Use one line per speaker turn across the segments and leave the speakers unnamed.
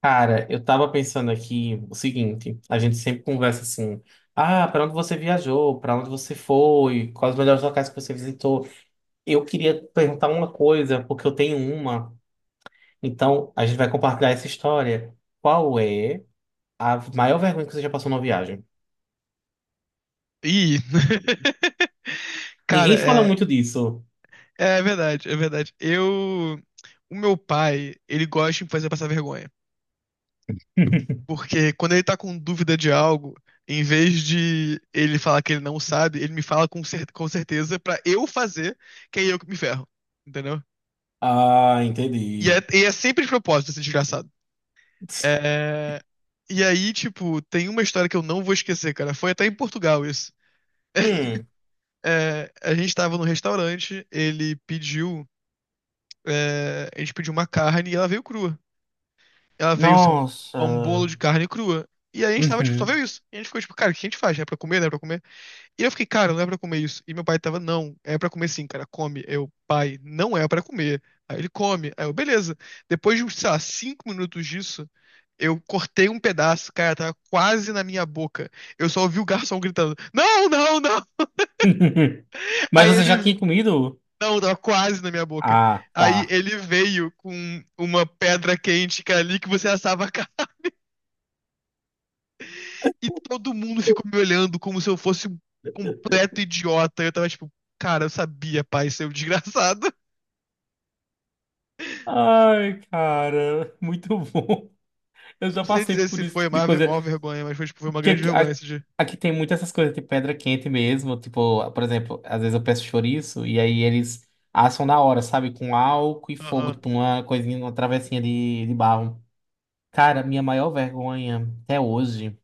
Cara, eu tava pensando aqui o seguinte, a gente sempre conversa assim, ah, pra onde você viajou, pra onde você foi, quais os melhores locais que você visitou. Eu queria perguntar uma coisa, porque eu tenho uma, então a gente vai compartilhar essa história. Qual é a maior vergonha que você já passou numa viagem?
Ih! Cara,
Ninguém fala muito disso.
é verdade, é verdade. Eu. O meu pai, ele gosta de me fazer passar vergonha. Porque quando ele tá com dúvida de algo, em vez de ele falar que ele não sabe, ele me fala com, cer com certeza pra eu fazer, que é eu que me ferro. Entendeu?
Ah,
E é,
entendi.
e é sempre de propósito esse desgraçado. É... E aí, tipo, tem uma história que eu não vou esquecer, cara. Foi até em Portugal isso.
Hum.
É, a gente tava num restaurante, a gente pediu uma carne e ela veio crua. Ela veio assim,
Nossa.
um bolo de carne crua. E aí a gente tava, tipo, só
Uhum.
veio isso. E a gente ficou, tipo, cara, o que a gente faz? É pra comer, não é pra comer? E eu fiquei, cara, não é pra comer isso. E meu pai tava, não, é pra comer sim, cara, come. Eu, pai, não é pra comer. Aí ele come. Aí eu, beleza. Depois de, sei lá, 5 minutos disso, eu cortei um pedaço, cara, tava quase na minha boca. Eu só ouvi o garçom gritando, não, não, não.
Mas
Aí
você já
ele
tinha comido?
Não, tava quase na minha boca.
Ah,
Aí
tá.
ele veio com uma pedra quente, cara, ali que você assava a carne. E todo mundo ficou me olhando como se eu fosse um completo idiota. Eu tava tipo, cara, eu sabia, pai, seu desgraçado.
Ai, cara, muito bom. Eu já
Não sei
passei
dizer
por
se
isso
foi
tipo de
uma,
coisa.
uma vergonha, mas foi, tipo, foi uma
Porque
grande
aqui,
vergonha esse dia.
aqui tem muitas essas coisas de pedra quente mesmo. Tipo, por exemplo, às vezes eu peço chouriço e aí eles assam na hora, sabe? Com álcool e fogo,
Aham.
tipo uma coisinha, uma travessinha de barro. Cara, minha maior vergonha até hoje,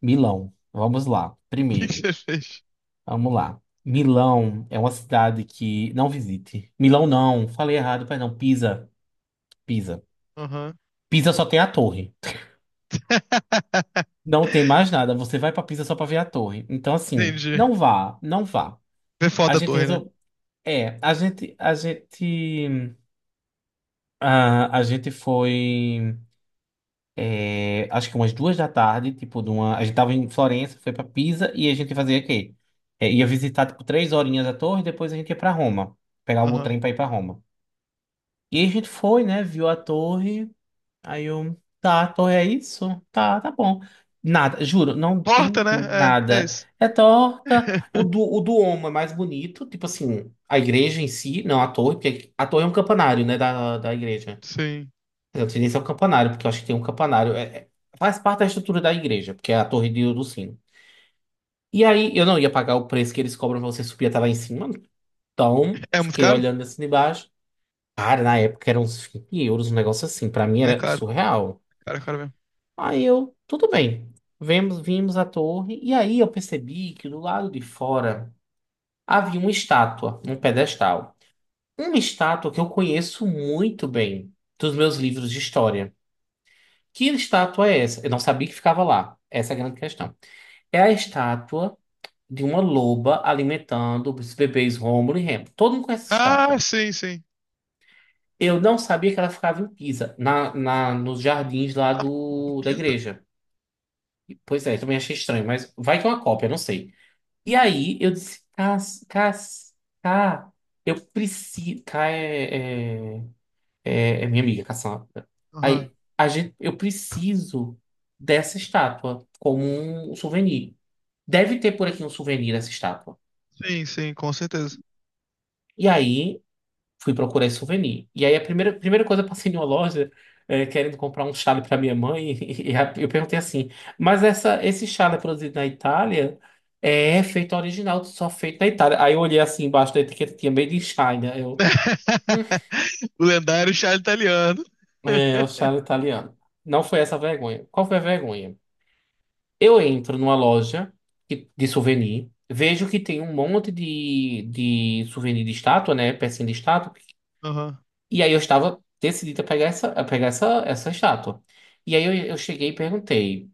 Milão. Vamos lá,
O que que
primeiro.
você fez?
Vamos lá. Milão é uma cidade que não visite. Milão não, falei errado, perdão. Pisa, Pisa.
Aham.
Pisa só tem a torre. Não tem mais nada. Você vai pra Pisa só pra ver a torre. Então, assim,
Entendi.
não vá, não vá.
Vê
A
foda a
gente
torre, né?
resolveu. É, a gente foi, é, acho que umas 2 da tarde, tipo, a gente tava em Florença, foi pra Pisa e a gente fazia o quê? É, ia visitar, tipo, 3 horinhas a torre, depois a gente ia pra Roma, pegar o
Aham.
trem pra ir pra Roma. E a gente foi, né, viu a torre. Aí eu, tá, Thor, é isso? Tá, tá bom. Nada, juro, não
Torta,
tem
né? É, é
nada.
isso.
É torta. O do, o do Homo é mais bonito, tipo assim, a igreja em si, não a torre, porque a torre é um campanário, né, da igreja.
Sim.
Quer dizer, eu não sei nem se é um campanário, porque eu acho que tem um campanário. Faz parte da estrutura da igreja, porque é a torre do sino. E aí eu não ia pagar o preço que eles cobram pra você subir até lá em cima, então
É muito
fiquei
caro?
olhando assim de baixo. Cara, na época eram uns €20, um negócio assim, pra mim
É
era
caro.
surreal.
Cara, caro.
Aí eu, tudo bem. Vimos a torre e aí eu percebi que do lado de fora havia uma estátua, um pedestal. Uma estátua que eu conheço muito bem dos meus livros de história. Que estátua é essa? Eu não sabia que ficava lá. Essa é a grande questão. É a estátua de uma loba alimentando os bebês Rômulo e Remo. Todo mundo conhece essa
Ah,
estátua.
sim, sim.
Eu não sabia que ela ficava em Pisa, nos jardins lá da
Pisa?
igreja. Pois é, também achei estranho, mas vai que é uma cópia, não sei. E aí eu disse, Cá, eu preciso. Cá é minha amiga, Cassandra.
Aham.
Aí eu preciso dessa estátua como um souvenir. Deve ter por aqui um souvenir dessa estátua.
Sim, sim, com certeza.
E aí fui procurar esse souvenir. E aí a primeira coisa, eu passei em uma loja querendo comprar um chale para minha mãe e, eu perguntei assim, mas esse chale é produzido na Itália, é feito original, só feito na Itália. Aí eu olhei assim embaixo da etiqueta, tinha Made in China. Hum,
O lendário chá italiano.
é o chale italiano. Não foi essa a vergonha. Qual foi a vergonha? Eu entro numa loja de souvenir, vejo que tem um monte de souvenir de estátua, né? Pecinha de estátua.
Aham.
E aí eu estava decidida a pegar essa estátua. E aí eu cheguei e perguntei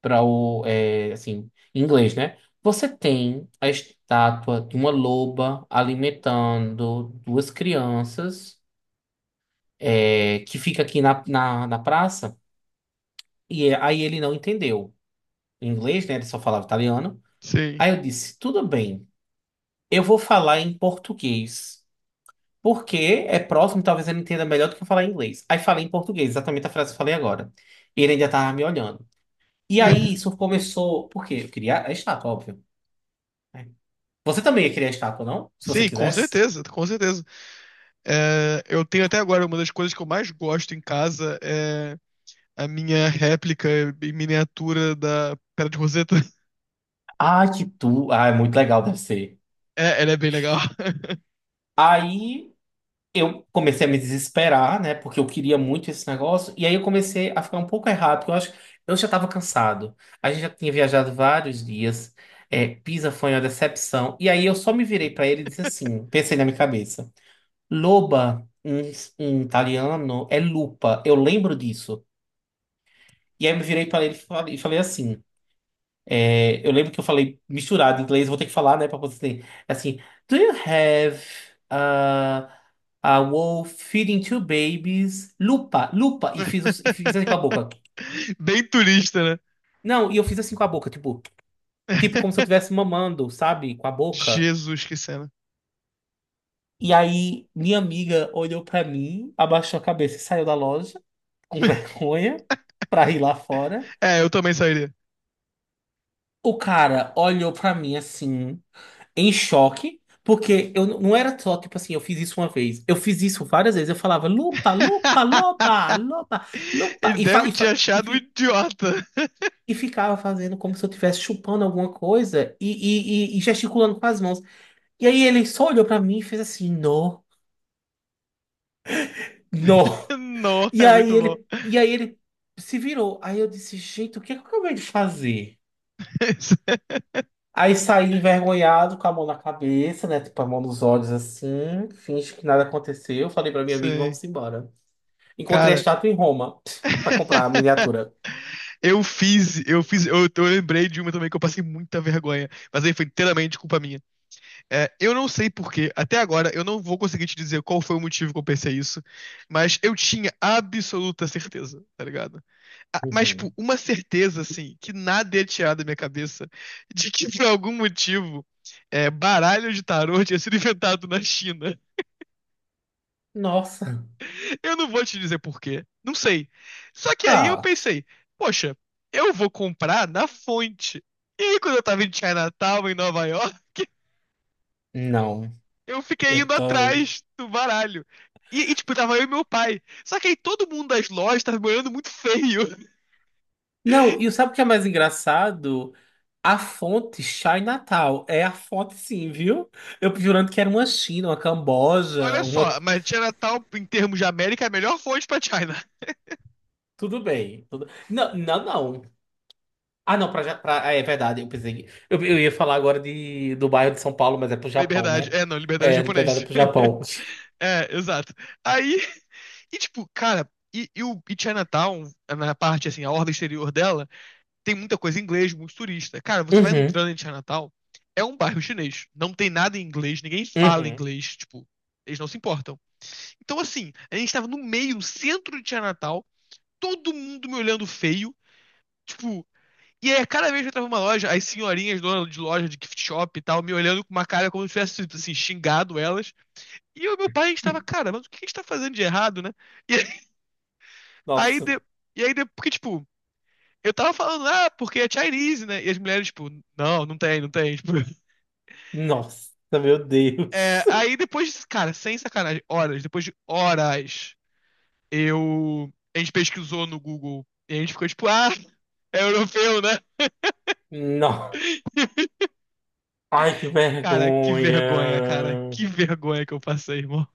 assim, em inglês, né? Você tem a estátua de uma loba alimentando duas crianças, que fica aqui na praça? E aí ele não entendeu em inglês, né? Ele só falava italiano.
Sim.
Aí eu disse, tudo bem, eu vou falar em português. Porque é próximo, talvez ele entenda melhor do que eu falar em inglês. Aí falei em português, exatamente a frase que eu falei agora. E ele ainda tava me olhando. E aí isso começou. Por quê? Eu queria a estátua, óbvio, né? Você também ia querer a estátua, não? Se você
Sim, com
quisesse.
certeza, com certeza. É, eu tenho até agora uma das coisas que eu mais gosto em casa é a minha réplica em miniatura da Pedra de Roseta.
Ah, que tu. Ah, é muito legal, deve ser.
É, ela é bem legal.
Aí eu comecei a me desesperar, né? Porque eu queria muito esse negócio. E aí eu comecei a ficar um pouco errado, porque eu acho que eu já estava cansado. A gente já tinha viajado vários dias. É, Pisa foi uma decepção. E aí eu só me virei para ele e disse assim: pensei na minha cabeça. Loba, em italiano, é lupa. Eu lembro disso. E aí eu me virei para ele e falei, assim. É, eu lembro que eu falei misturado em inglês, eu vou ter que falar, né, pra conseguir. Assim, do you have uh, a wolf feeding two babies? Lupa, lupa. E fiz assim com a boca.
Bem turista, né?
Não, e eu fiz assim com a boca, tipo como se eu estivesse mamando, sabe? Com a boca.
Jesus, que cena.
E aí, minha amiga olhou pra mim, abaixou a cabeça e saiu da loja, com vergonha, pra ir lá fora.
É, eu também sairia.
O cara olhou pra mim assim, em choque, porque eu não era só, tipo assim, eu fiz isso uma vez. Eu fiz isso várias vezes. Eu falava lupa, lupa, loba, loba, lupa,
Ele deve te achar um idiota.
e ficava fazendo como se eu estivesse chupando alguma coisa e gesticulando com as mãos. E aí ele só olhou pra mim e fez assim, não, não.
Não, é muito bom.
E aí ele se virou. Aí eu disse, gente, o que é que eu acabei de fazer? Aí saí envergonhado, com a mão na cabeça, né? Tipo, a mão nos olhos assim, finge que nada aconteceu. Falei pra minha amiga,
Sei.
vamos embora. Encontrei a
Cara,
estátua em Roma para comprar a miniatura.
eu lembrei de uma também que eu passei muita vergonha, mas aí foi inteiramente culpa minha. É, eu não sei por quê, até agora eu não vou conseguir te dizer qual foi o motivo que eu pensei isso, mas eu tinha absoluta certeza, tá ligado? Ah, mas, tipo,
Uhum.
uma certeza, assim, que nada ia tirar da minha cabeça de que, por algum motivo, baralho de tarô tinha sido inventado na China.
Nossa.
Eu não vou te dizer por quê. Não sei. Só que aí eu
Ah,
pensei, poxa, eu vou comprar na fonte. E aí, quando eu tava em Chinatown, em Nova York,
não.
eu fiquei
Eu
indo
tô.
atrás do baralho. Tipo, tava eu e meu pai. Só que aí todo mundo das lojas tava me olhando muito feio.
Não, e sabe o que é mais engraçado? A fonte Chai Natal. É a fonte, sim, viu? Eu jurando que era uma China, uma
Olha
Camboja, uma.
só, mas Chinatown, em termos de América, é a melhor fonte pra China.
Tudo bem. Não, não, não. Ah, não, ah, é verdade, eu pensei. Eu ia falar agora do bairro de São Paulo, mas é pro Japão,
Liberdade.
né?
É, não, liberdade é
É, de verdade, é
japonês.
pro Japão.
É, exato. Aí, e tipo, cara, e, o, e Chinatown, na parte assim, a orla exterior dela, tem muita coisa em inglês, muito turista. Cara, você vai entrando em Chinatown, é um bairro chinês. Não tem nada em inglês, ninguém
Uhum,
fala
uhum.
inglês, tipo, eles não se importam. Então, assim, a gente tava no meio, no centro de Chinatown, todo mundo me olhando feio, tipo. E aí, cada vez que eu entrava numa loja, as senhorinhas donas de loja de gift shop e tal, me olhando com uma cara como se eu tivesse, assim, xingado elas. E o meu pai estava, cara, mas o que a gente tá fazendo de errado, né? E aí,
Nossa.
de- porque, tipo, eu tava falando, ah, porque é Chinese, né? E as mulheres, tipo, não, não tem, não tem. Tipo,
Nossa, meu Deus.
é, aí depois, cara, sem sacanagem, depois de horas, eu. A gente pesquisou no Google e a gente ficou, tipo, ah, é europeu, né?
Não. Ai, que
Cara.
vergonha.
Que vergonha que eu passei, irmão.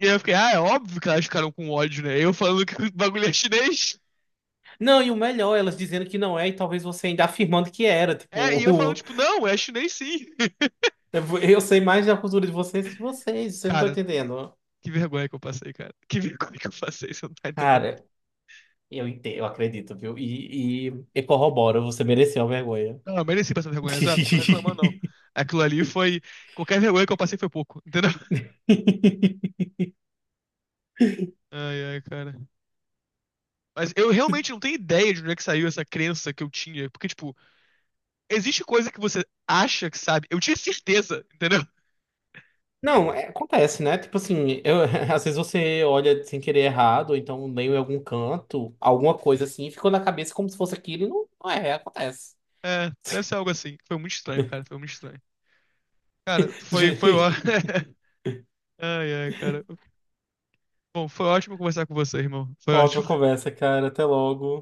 E aí eu fiquei, ah, é óbvio que elas ficaram com ódio, né? Eu falando que o bagulho é chinês.
Não, e o melhor, elas dizendo que não é, e talvez você ainda afirmando que era.
É, e eu falando,
Tipo,
tipo, não, é chinês sim.
eu sei mais da cultura de vocês que vocês não estão
Cara,
entendendo.
que vergonha que eu passei, cara. Que vergonha que eu passei, você não tá entendendo.
Cara, eu entendo, eu acredito, viu? E corroboro, você mereceu a vergonha.
Não, eu mereci passar vergonha, exato, não tô reclamando, não. Aquilo ali foi. Qualquer vergonha que eu passei foi pouco, entendeu? Ai, ai, cara. Mas eu realmente não tenho ideia de onde é que saiu essa crença que eu tinha. Porque, tipo, existe coisa que você acha que sabe. Eu tinha certeza, entendeu?
Não, acontece, né? Tipo assim, às vezes você olha sem querer errado, ou então leu em algum canto, alguma coisa assim, e ficou na cabeça como se fosse aquilo e não, não é, acontece.
É, deve ser algo assim. Foi muito estranho, cara. Foi muito estranho. Cara, foi, foi ó.
Gente,
Ai, ai, cara. Bom, foi ótimo conversar com você, irmão. Foi
ótima
ótimo.
conversa, cara. Até logo.